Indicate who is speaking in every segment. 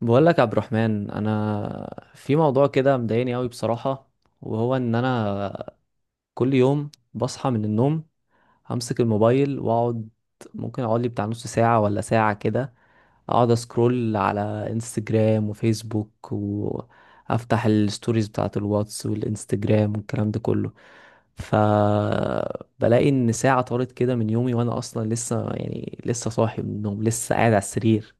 Speaker 1: بقول لك يا عبد الرحمن، انا في موضوع كده مضايقني قوي بصراحة، وهو ان انا كل يوم بصحى من النوم همسك الموبايل واقعد، ممكن اقعد لي بتاع نص ساعة ولا ساعة كده، اقعد اسكرول على انستجرام وفيسبوك، وافتح الستوريز بتاعت الواتس والانستجرام والكلام ده كله. فبلاقي ان ساعة طارت كده من يومي، وانا اصلا لسه يعني لسه صاحي من النوم، لسه قاعد على السرير.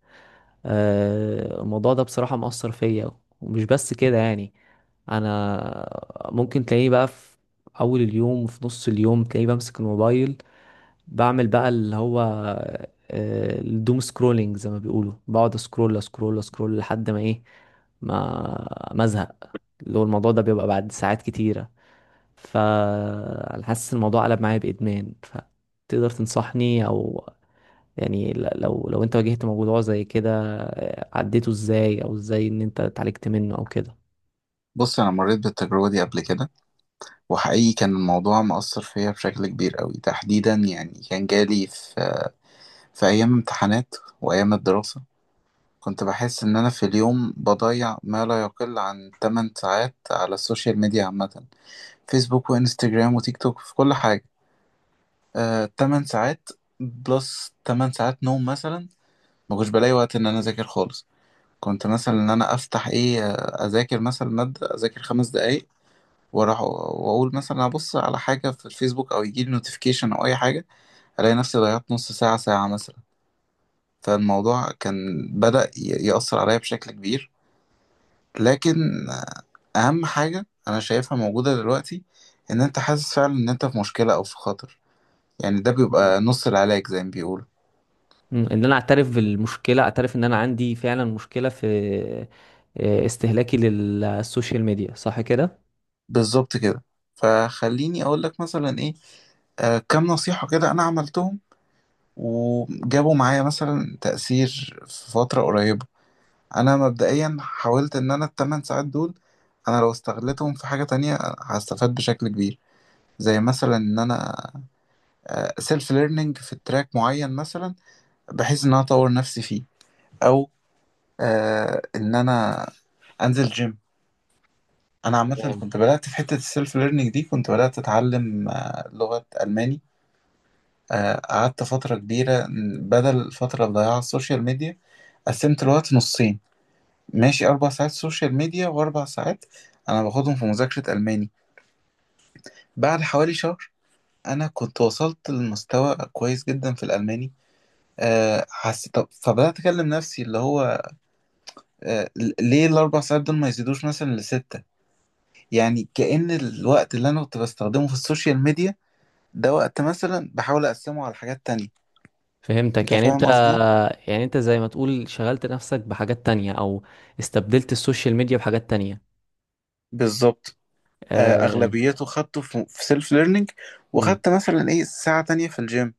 Speaker 1: الموضوع ده بصراحة مأثر فيا، ومش بس كده يعني. انا ممكن تلاقيني بقى في اول اليوم وفي نص اليوم تلاقيني بمسك الموبايل، بعمل بقى اللي هو الدوم سكرولينج زي ما بيقولوا، بقعد اسكرول اسكرول اسكرول لحد ما ايه، ما ازهق، اللي هو الموضوع ده بيبقى بعد ساعات كتيرة. فأنا حاسس الموضوع قلب معايا بإدمان، فتقدر تنصحني أو يعني لو انت واجهت موضوع زي كده عديته ازاي، او ازاي ان انت اتعالجت منه او كده؟
Speaker 2: بص، انا مريت بالتجربه دي قبل كده. وحقيقي كان الموضوع مأثر فيا بشكل كبير قوي، تحديدا يعني كان جالي في ايام امتحانات وايام الدراسه. كنت بحس ان انا في اليوم بضيع ما لا يقل عن 8 ساعات على السوشيال ميديا عامه، فيسبوك وانستجرام وتيك توك في كل حاجه. 8 ساعات، بلس 8 ساعات نوم مثلا. ما كنتش بلاقي وقت ان انا اذاكر خالص. كنت مثلا ان انا افتح ايه، اذاكر مثلا ماده، اذاكر 5 دقايق واروح واقول مثلا ابص على حاجه في الفيسبوك او يجي لي نوتيفيكيشن او اي حاجه. الاقي نفسي ضيعت نص ساعه، ساعه مثلا. فالموضوع كان بدأ يأثر عليا بشكل كبير. لكن اهم حاجه انا شايفها موجوده دلوقتي، ان انت حاسس فعلا ان انت في مشكله او في خطر. يعني ده
Speaker 1: مم.
Speaker 2: بيبقى نص العلاج زي ما بيقولوا.
Speaker 1: ان انا اعترف بالمشكله، اعترف ان انا عندي فعلا مشكله في استهلاكي للسوشيال ميديا، صح كده.
Speaker 2: بالظبط كده. فخليني اقول لك مثلا ايه، كام نصيحه كده انا عملتهم، وجابوا معايا مثلا تأثير في فتره قريبه. انا مبدئيا حاولت ان انا ال 8 ساعات دول، انا لو استغلتهم في حاجة تانية هستفاد بشكل كبير. زي مثلا ان انا سيلف ليرنينج في تراك معين مثلا، بحيث ان انا اطور نفسي فيه. او ان انا انزل جيم. انا عامه
Speaker 1: تمام،
Speaker 2: كنت بدات في حته السيلف ليرنينج دي، كنت بدات اتعلم لغه الماني. قعدت فتره كبيره بدل الفتره اللي ضيعها على السوشيال ميديا. قسمت الوقت نصين، ماشي، 4 ساعات سوشيال ميديا وأربع ساعات أنا باخدهم في مذاكرة ألماني. بعد حوالي شهر أنا كنت وصلت لمستوى كويس جدا في الألماني. أه حسيت طب، فبدأت أكلم نفسي اللي هو أه ليه ال 4 ساعات دول ما يزيدوش مثلا لستة؟ يعني كأن الوقت اللي أنا كنت بستخدمه في السوشيال ميديا ده وقت مثلا بحاول أقسمه على حاجات تانية.
Speaker 1: فهمتك.
Speaker 2: أنت
Speaker 1: يعني
Speaker 2: فاهم
Speaker 1: انت
Speaker 2: قصدي؟
Speaker 1: يعني انت زي ما تقول شغلت نفسك بحاجات تانية او استبدلت السوشيال ميديا بحاجات تانية.
Speaker 2: بالظبط. أه،
Speaker 1: آه.
Speaker 2: أغلبيته خدته في سيلف ليرنينج، وخدت مثلا إيه ساعة تانية في الجيم.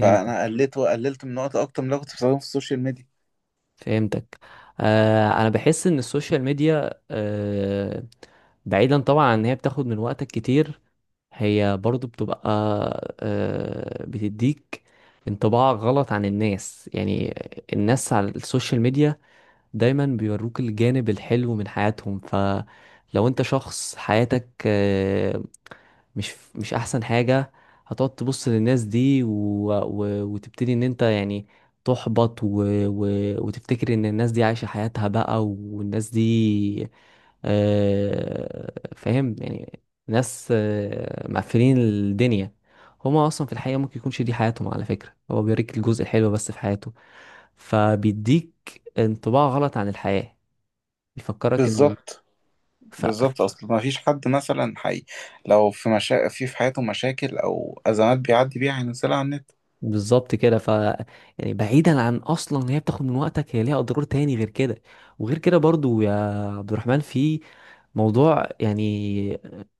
Speaker 1: امم،
Speaker 2: قللت وقللت من وقت اكتر من اللي أنا كنت بستخدمه في السوشيال ميديا.
Speaker 1: فهمتك. انا بحس ان السوشيال ميديا بعيدا طبعا عن ان هي بتاخد من وقتك كتير، هي برضو بتبقى بتديك انطباع غلط عن الناس يعني. الناس على السوشيال ميديا دايما بيوروك الجانب الحلو من حياتهم، فلو انت شخص حياتك مش احسن حاجة، هتقعد تبص للناس دي وتبتدي ان انت يعني تحبط، و... وتفتكر ان الناس دي عايشة حياتها بقى، والناس دي فاهم يعني، ناس مقفلين الدنيا، هما اصلا في الحقيقة ممكن يكونش دي حياتهم. على فكرة هو بيوريك الجزء الحلو بس في حياته، فبيديك انطباع غلط عن الحياة، بيفكرك ان
Speaker 2: بالظبط
Speaker 1: ف...
Speaker 2: بالظبط، اصل ما فيش حد مثلا حي لو في في حياته مشاكل او ازمات بيعدي بيها هينزلها على النت.
Speaker 1: بالظبط كده. يعني بعيدا عن اصلا إن هي بتاخد من وقتك، هي ليها اضرار تاني غير كده. وغير كده برضو يا عبد الرحمن في موضوع يعني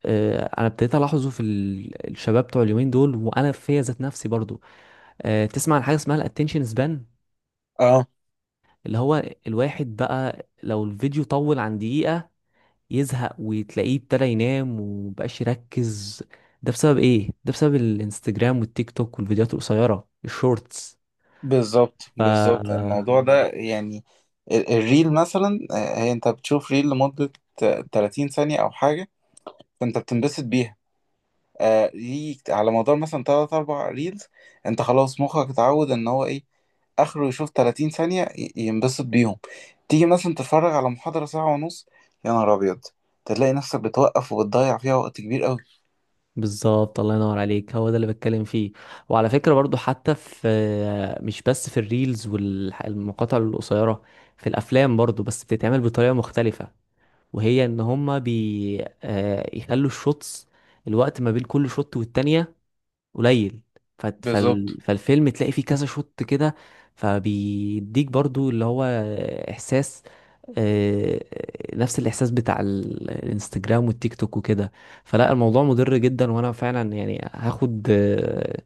Speaker 1: انا ابتديت الاحظه في الشباب بتوع اليومين دول، وانا فيا ذات نفسي برضو. تسمع عن حاجه اسمها الاتنشن سبان،
Speaker 2: اه،
Speaker 1: اللي هو الواحد بقى لو الفيديو طول عن دقيقه يزهق، وتلاقيه ابتدى ينام ومبقاش يركز. ده بسبب ايه؟ ده بسبب الانستجرام والتيك توك والفيديوهات القصيره الشورتس.
Speaker 2: بالظبط
Speaker 1: ف
Speaker 2: بالظبط. الموضوع ده يعني الريل مثلا، هي انت بتشوف ريل لمدة 30 ثانية او حاجة، فانت بتنبسط بيها. ليك على مدار مثلا تلات أربع ريلز، أنت خلاص مخك اتعود إن هو إيه، آخره يشوف 30 ثانية ينبسط بيهم. تيجي مثلا تتفرج على محاضرة ساعة ونص، يا نهار أبيض، تلاقي نفسك بتوقف وبتضيع فيها وقت كبير أوي.
Speaker 1: بالظبط، الله ينور عليك، هو ده اللي بتكلم فيه. وعلى فكرة برضو حتى في، مش بس في الريلز والمقاطع القصيرة، في الأفلام برضو، بس بتتعمل بطريقة مختلفة، وهي إن هما بي آه، يخلوا الشوتس، الوقت ما بين كل شوت والتانية قليل،
Speaker 2: بالظبط.
Speaker 1: فالفيلم تلاقي فيه كذا شوت كده، فبيديك برضو اللي هو إحساس، آه، نفس الإحساس بتاع الانستجرام والتيك توك وكده. فلا الموضوع مضر جدا، وأنا فعلا يعني هاخد آه،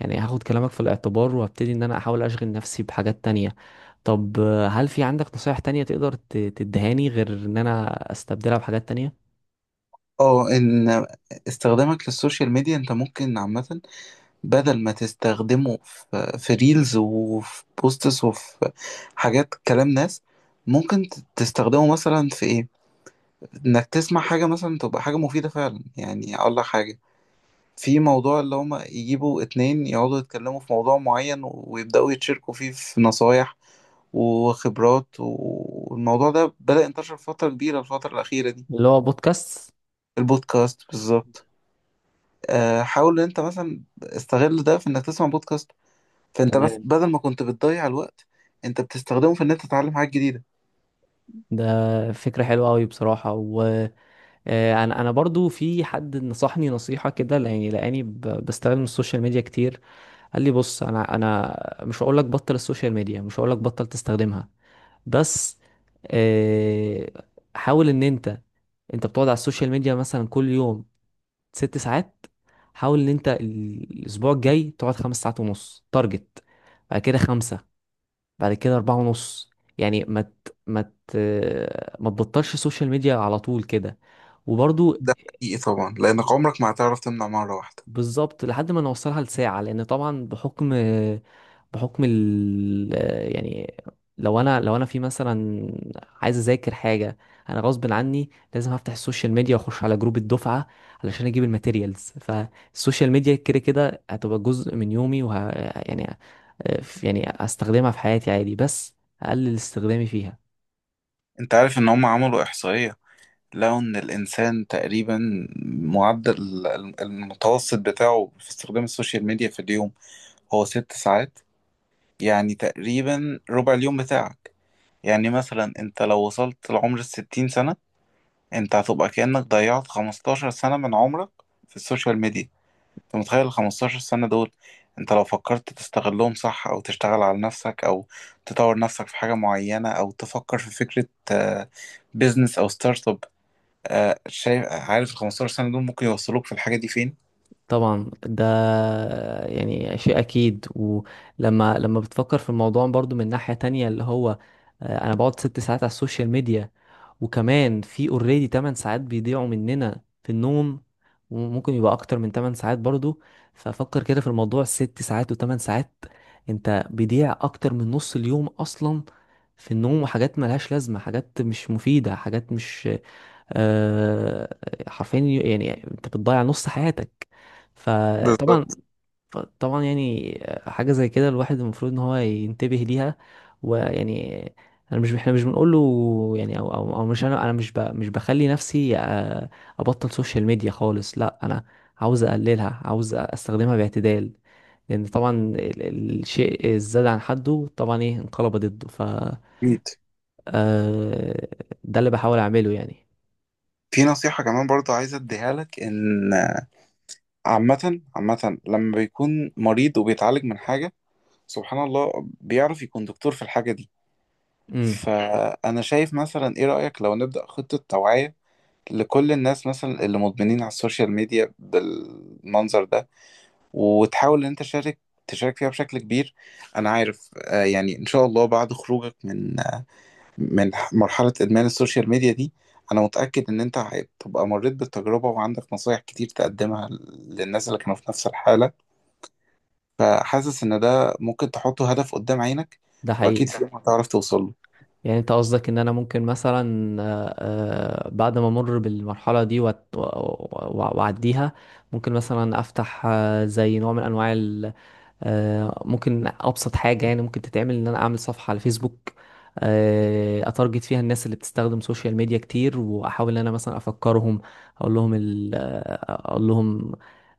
Speaker 1: يعني هاخد كلامك في الاعتبار، وهبتدي إن أنا أحاول أشغل نفسي بحاجات تانية. طب هل في عندك نصايح تانية تقدر تدهاني غير إن أنا أستبدلها بحاجات تانية؟
Speaker 2: اه، ان استخدامك للسوشيال ميديا انت ممكن عامة، بدل ما تستخدمه في ريلز وفي بوستس وفي حاجات كلام ناس، ممكن تستخدمه مثلا في إيه؟ انك تسمع حاجة مثلا تبقى حاجة مفيدة فعلا. يعني اقول لك حاجة، في موضوع اللي هما يجيبوا اتنين يقعدوا يتكلموا في موضوع معين ويبدأوا يتشاركوا فيه في نصايح وخبرات، والموضوع ده بدأ ينتشر فترة كبيرة الفترة الأخيرة دي.
Speaker 1: اللي هو بودكاست.
Speaker 2: البودكاست بالظبط. حاول ان انت مثلا استغل ده في انك تسمع بودكاست، فانت بس
Speaker 1: تمام،
Speaker 2: بدل ما كنت بتضيع الوقت، انت بتستخدمه في ان انت تتعلم حاجات جديدة.
Speaker 1: ده فكرة حلوة أوي بصراحة. وأنا أنا أنا برضو في حد نصحني نصيحة كده، يعني لأني بستخدم السوشيال ميديا كتير. قال لي بص، انا مش هقول لك بطل السوشيال ميديا، مش هقول لك بطل تستخدمها، بس آه، حاول ان انت، بتقعد على السوشيال ميديا مثلا كل يوم 6 ساعات، حاول ان انت الاسبوع الجاي تقعد 5 ساعات ونص تارجت، بعد كده خمسة، بعد كده 4 ونص، يعني ما تبطلش السوشيال ميديا على طول كده. وبرضو
Speaker 2: ده حقيقي طبعا، لأنك عمرك ما هتعرف تمنع مرة واحدة.
Speaker 1: بالظبط، لحد ما نوصلها لساعة، لأن طبعا بحكم بحكم ال يعني، لو أنا في مثلا عايز أذاكر حاجة، أنا غصب عني لازم أفتح السوشيال ميديا وأخش على جروب الدفعة علشان أجيب الماتيريالز، فالسوشيال ميديا كده كده هتبقى جزء من يومي، وه يعني يعني هستخدمها في حياتي عادي، بس أقلل استخدامي فيها.
Speaker 2: انت عارف ان هم عملوا احصائية، لو إن الإنسان تقريبا معدل المتوسط بتاعه في استخدام السوشيال ميديا في اليوم هو 6 ساعات. يعني تقريبا ربع اليوم بتاعك. يعني مثلا أنت لو وصلت لعمر ال 60 سنة، أنت هتبقى كأنك ضيعت 15 سنة من عمرك في السوشيال ميديا. أنت متخيل ال 15 سنة دول؟ أنت لو فكرت تستغلهم صح أو تشتغل على نفسك أو تطور نفسك في حاجة معينة أو تفكر في فكرة آه، بيزنس أو ستارت اب. شايف؟ عارف ال 15 سنة دول ممكن يوصلوك في الحاجة دي فين؟
Speaker 1: طبعا ده يعني شيء اكيد. ولما بتفكر في الموضوع برضو من ناحية تانية اللي هو انا بقعد ست ساعات على السوشيال ميديا، وكمان في اوريدي 8 ساعات بيضيعوا مننا في النوم، وممكن يبقى اكتر من 8 ساعات برضو. ففكر كده في الموضوع، ست ساعات و8 ساعات، انت بيضيع اكتر من نص اليوم اصلا في النوم وحاجات ملهاش لازمة، حاجات مش مفيدة، حاجات مش آه، حرفيا، يعني انت بتضيع نص حياتك. فطبعا
Speaker 2: بالظبط.
Speaker 1: طبعا يعني حاجة زي كده الواحد المفروض ان هو ينتبه ليها. ويعني انا مش احنا مش بنقول له يعني، أو مش، انا مش ب مش بخلي نفسي ابطل سوشيال ميديا خالص، لا، انا عاوز اقللها، عاوز استخدمها باعتدال. لان طبعا الشيء الزاد عن حده طبعا ايه، انقلب ضده.
Speaker 2: اكيد
Speaker 1: آه، ده اللي بحاول اعمله يعني.
Speaker 2: في نصيحة كمان برضو عايز اديها لك، ان عامة عامة لما بيكون مريض وبيتعالج من حاجة، سبحان الله بيعرف يكون دكتور في الحاجة دي.
Speaker 1: امم
Speaker 2: فأنا شايف، مثلا ايه رأيك لو نبدأ خطة توعية لكل الناس مثلا اللي مدمنين على السوشيال ميديا بالمنظر ده، وتحاول ان انت تشارك تشارك فيها بشكل كبير. انا عارف، يعني ان شاء الله بعد خروجك من مرحلة إدمان السوشيال ميديا دي، أنا متأكد إن أنت هتبقى مريت بالتجربة وعندك نصايح كتير تقدمها للناس اللي كانوا في نفس الحالة. فحاسس إن ده ممكن تحطه هدف قدام عينك،
Speaker 1: ده
Speaker 2: وأكيد
Speaker 1: حقيقي.
Speaker 2: في يوم هتعرف توصل له.
Speaker 1: يعني انت قصدك ان انا ممكن مثلا بعد ما امر بالمرحله دي واعديها، ممكن مثلا افتح زي نوع من انواع ممكن ابسط حاجه يعني ممكن تتعمل ان انا اعمل صفحه على فيسبوك، اتارجت فيها الناس اللي بتستخدم سوشيال ميديا كتير، واحاول ان انا مثلا افكرهم، اقول لهم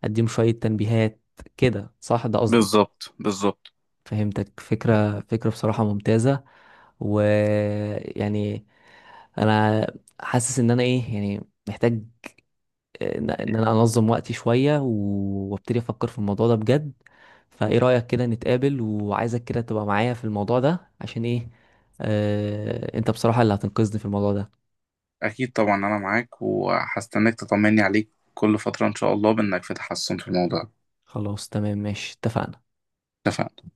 Speaker 1: اديهم شويه تنبيهات كده، صح، ده قصدك؟
Speaker 2: بالظبط بالظبط.
Speaker 1: فهمتك، فكرة بصراحة ممتازة. ويعني انا حاسس ان انا ايه يعني محتاج، إن انا انظم وقتي شوية، وابتدي افكر في الموضوع ده بجد. فايه رأيك كده نتقابل؟ وعايزك كده تبقى معايا في الموضوع ده عشان ايه، انت بصراحة اللي هتنقذني في الموضوع ده.
Speaker 2: اكيد طبعا، انا معاك وهستناك تطمني عليك كل فترة ان شاء الله بانك في تحسن في الموضوع.
Speaker 1: خلاص، تمام، ماشي، اتفقنا.
Speaker 2: اتفقنا.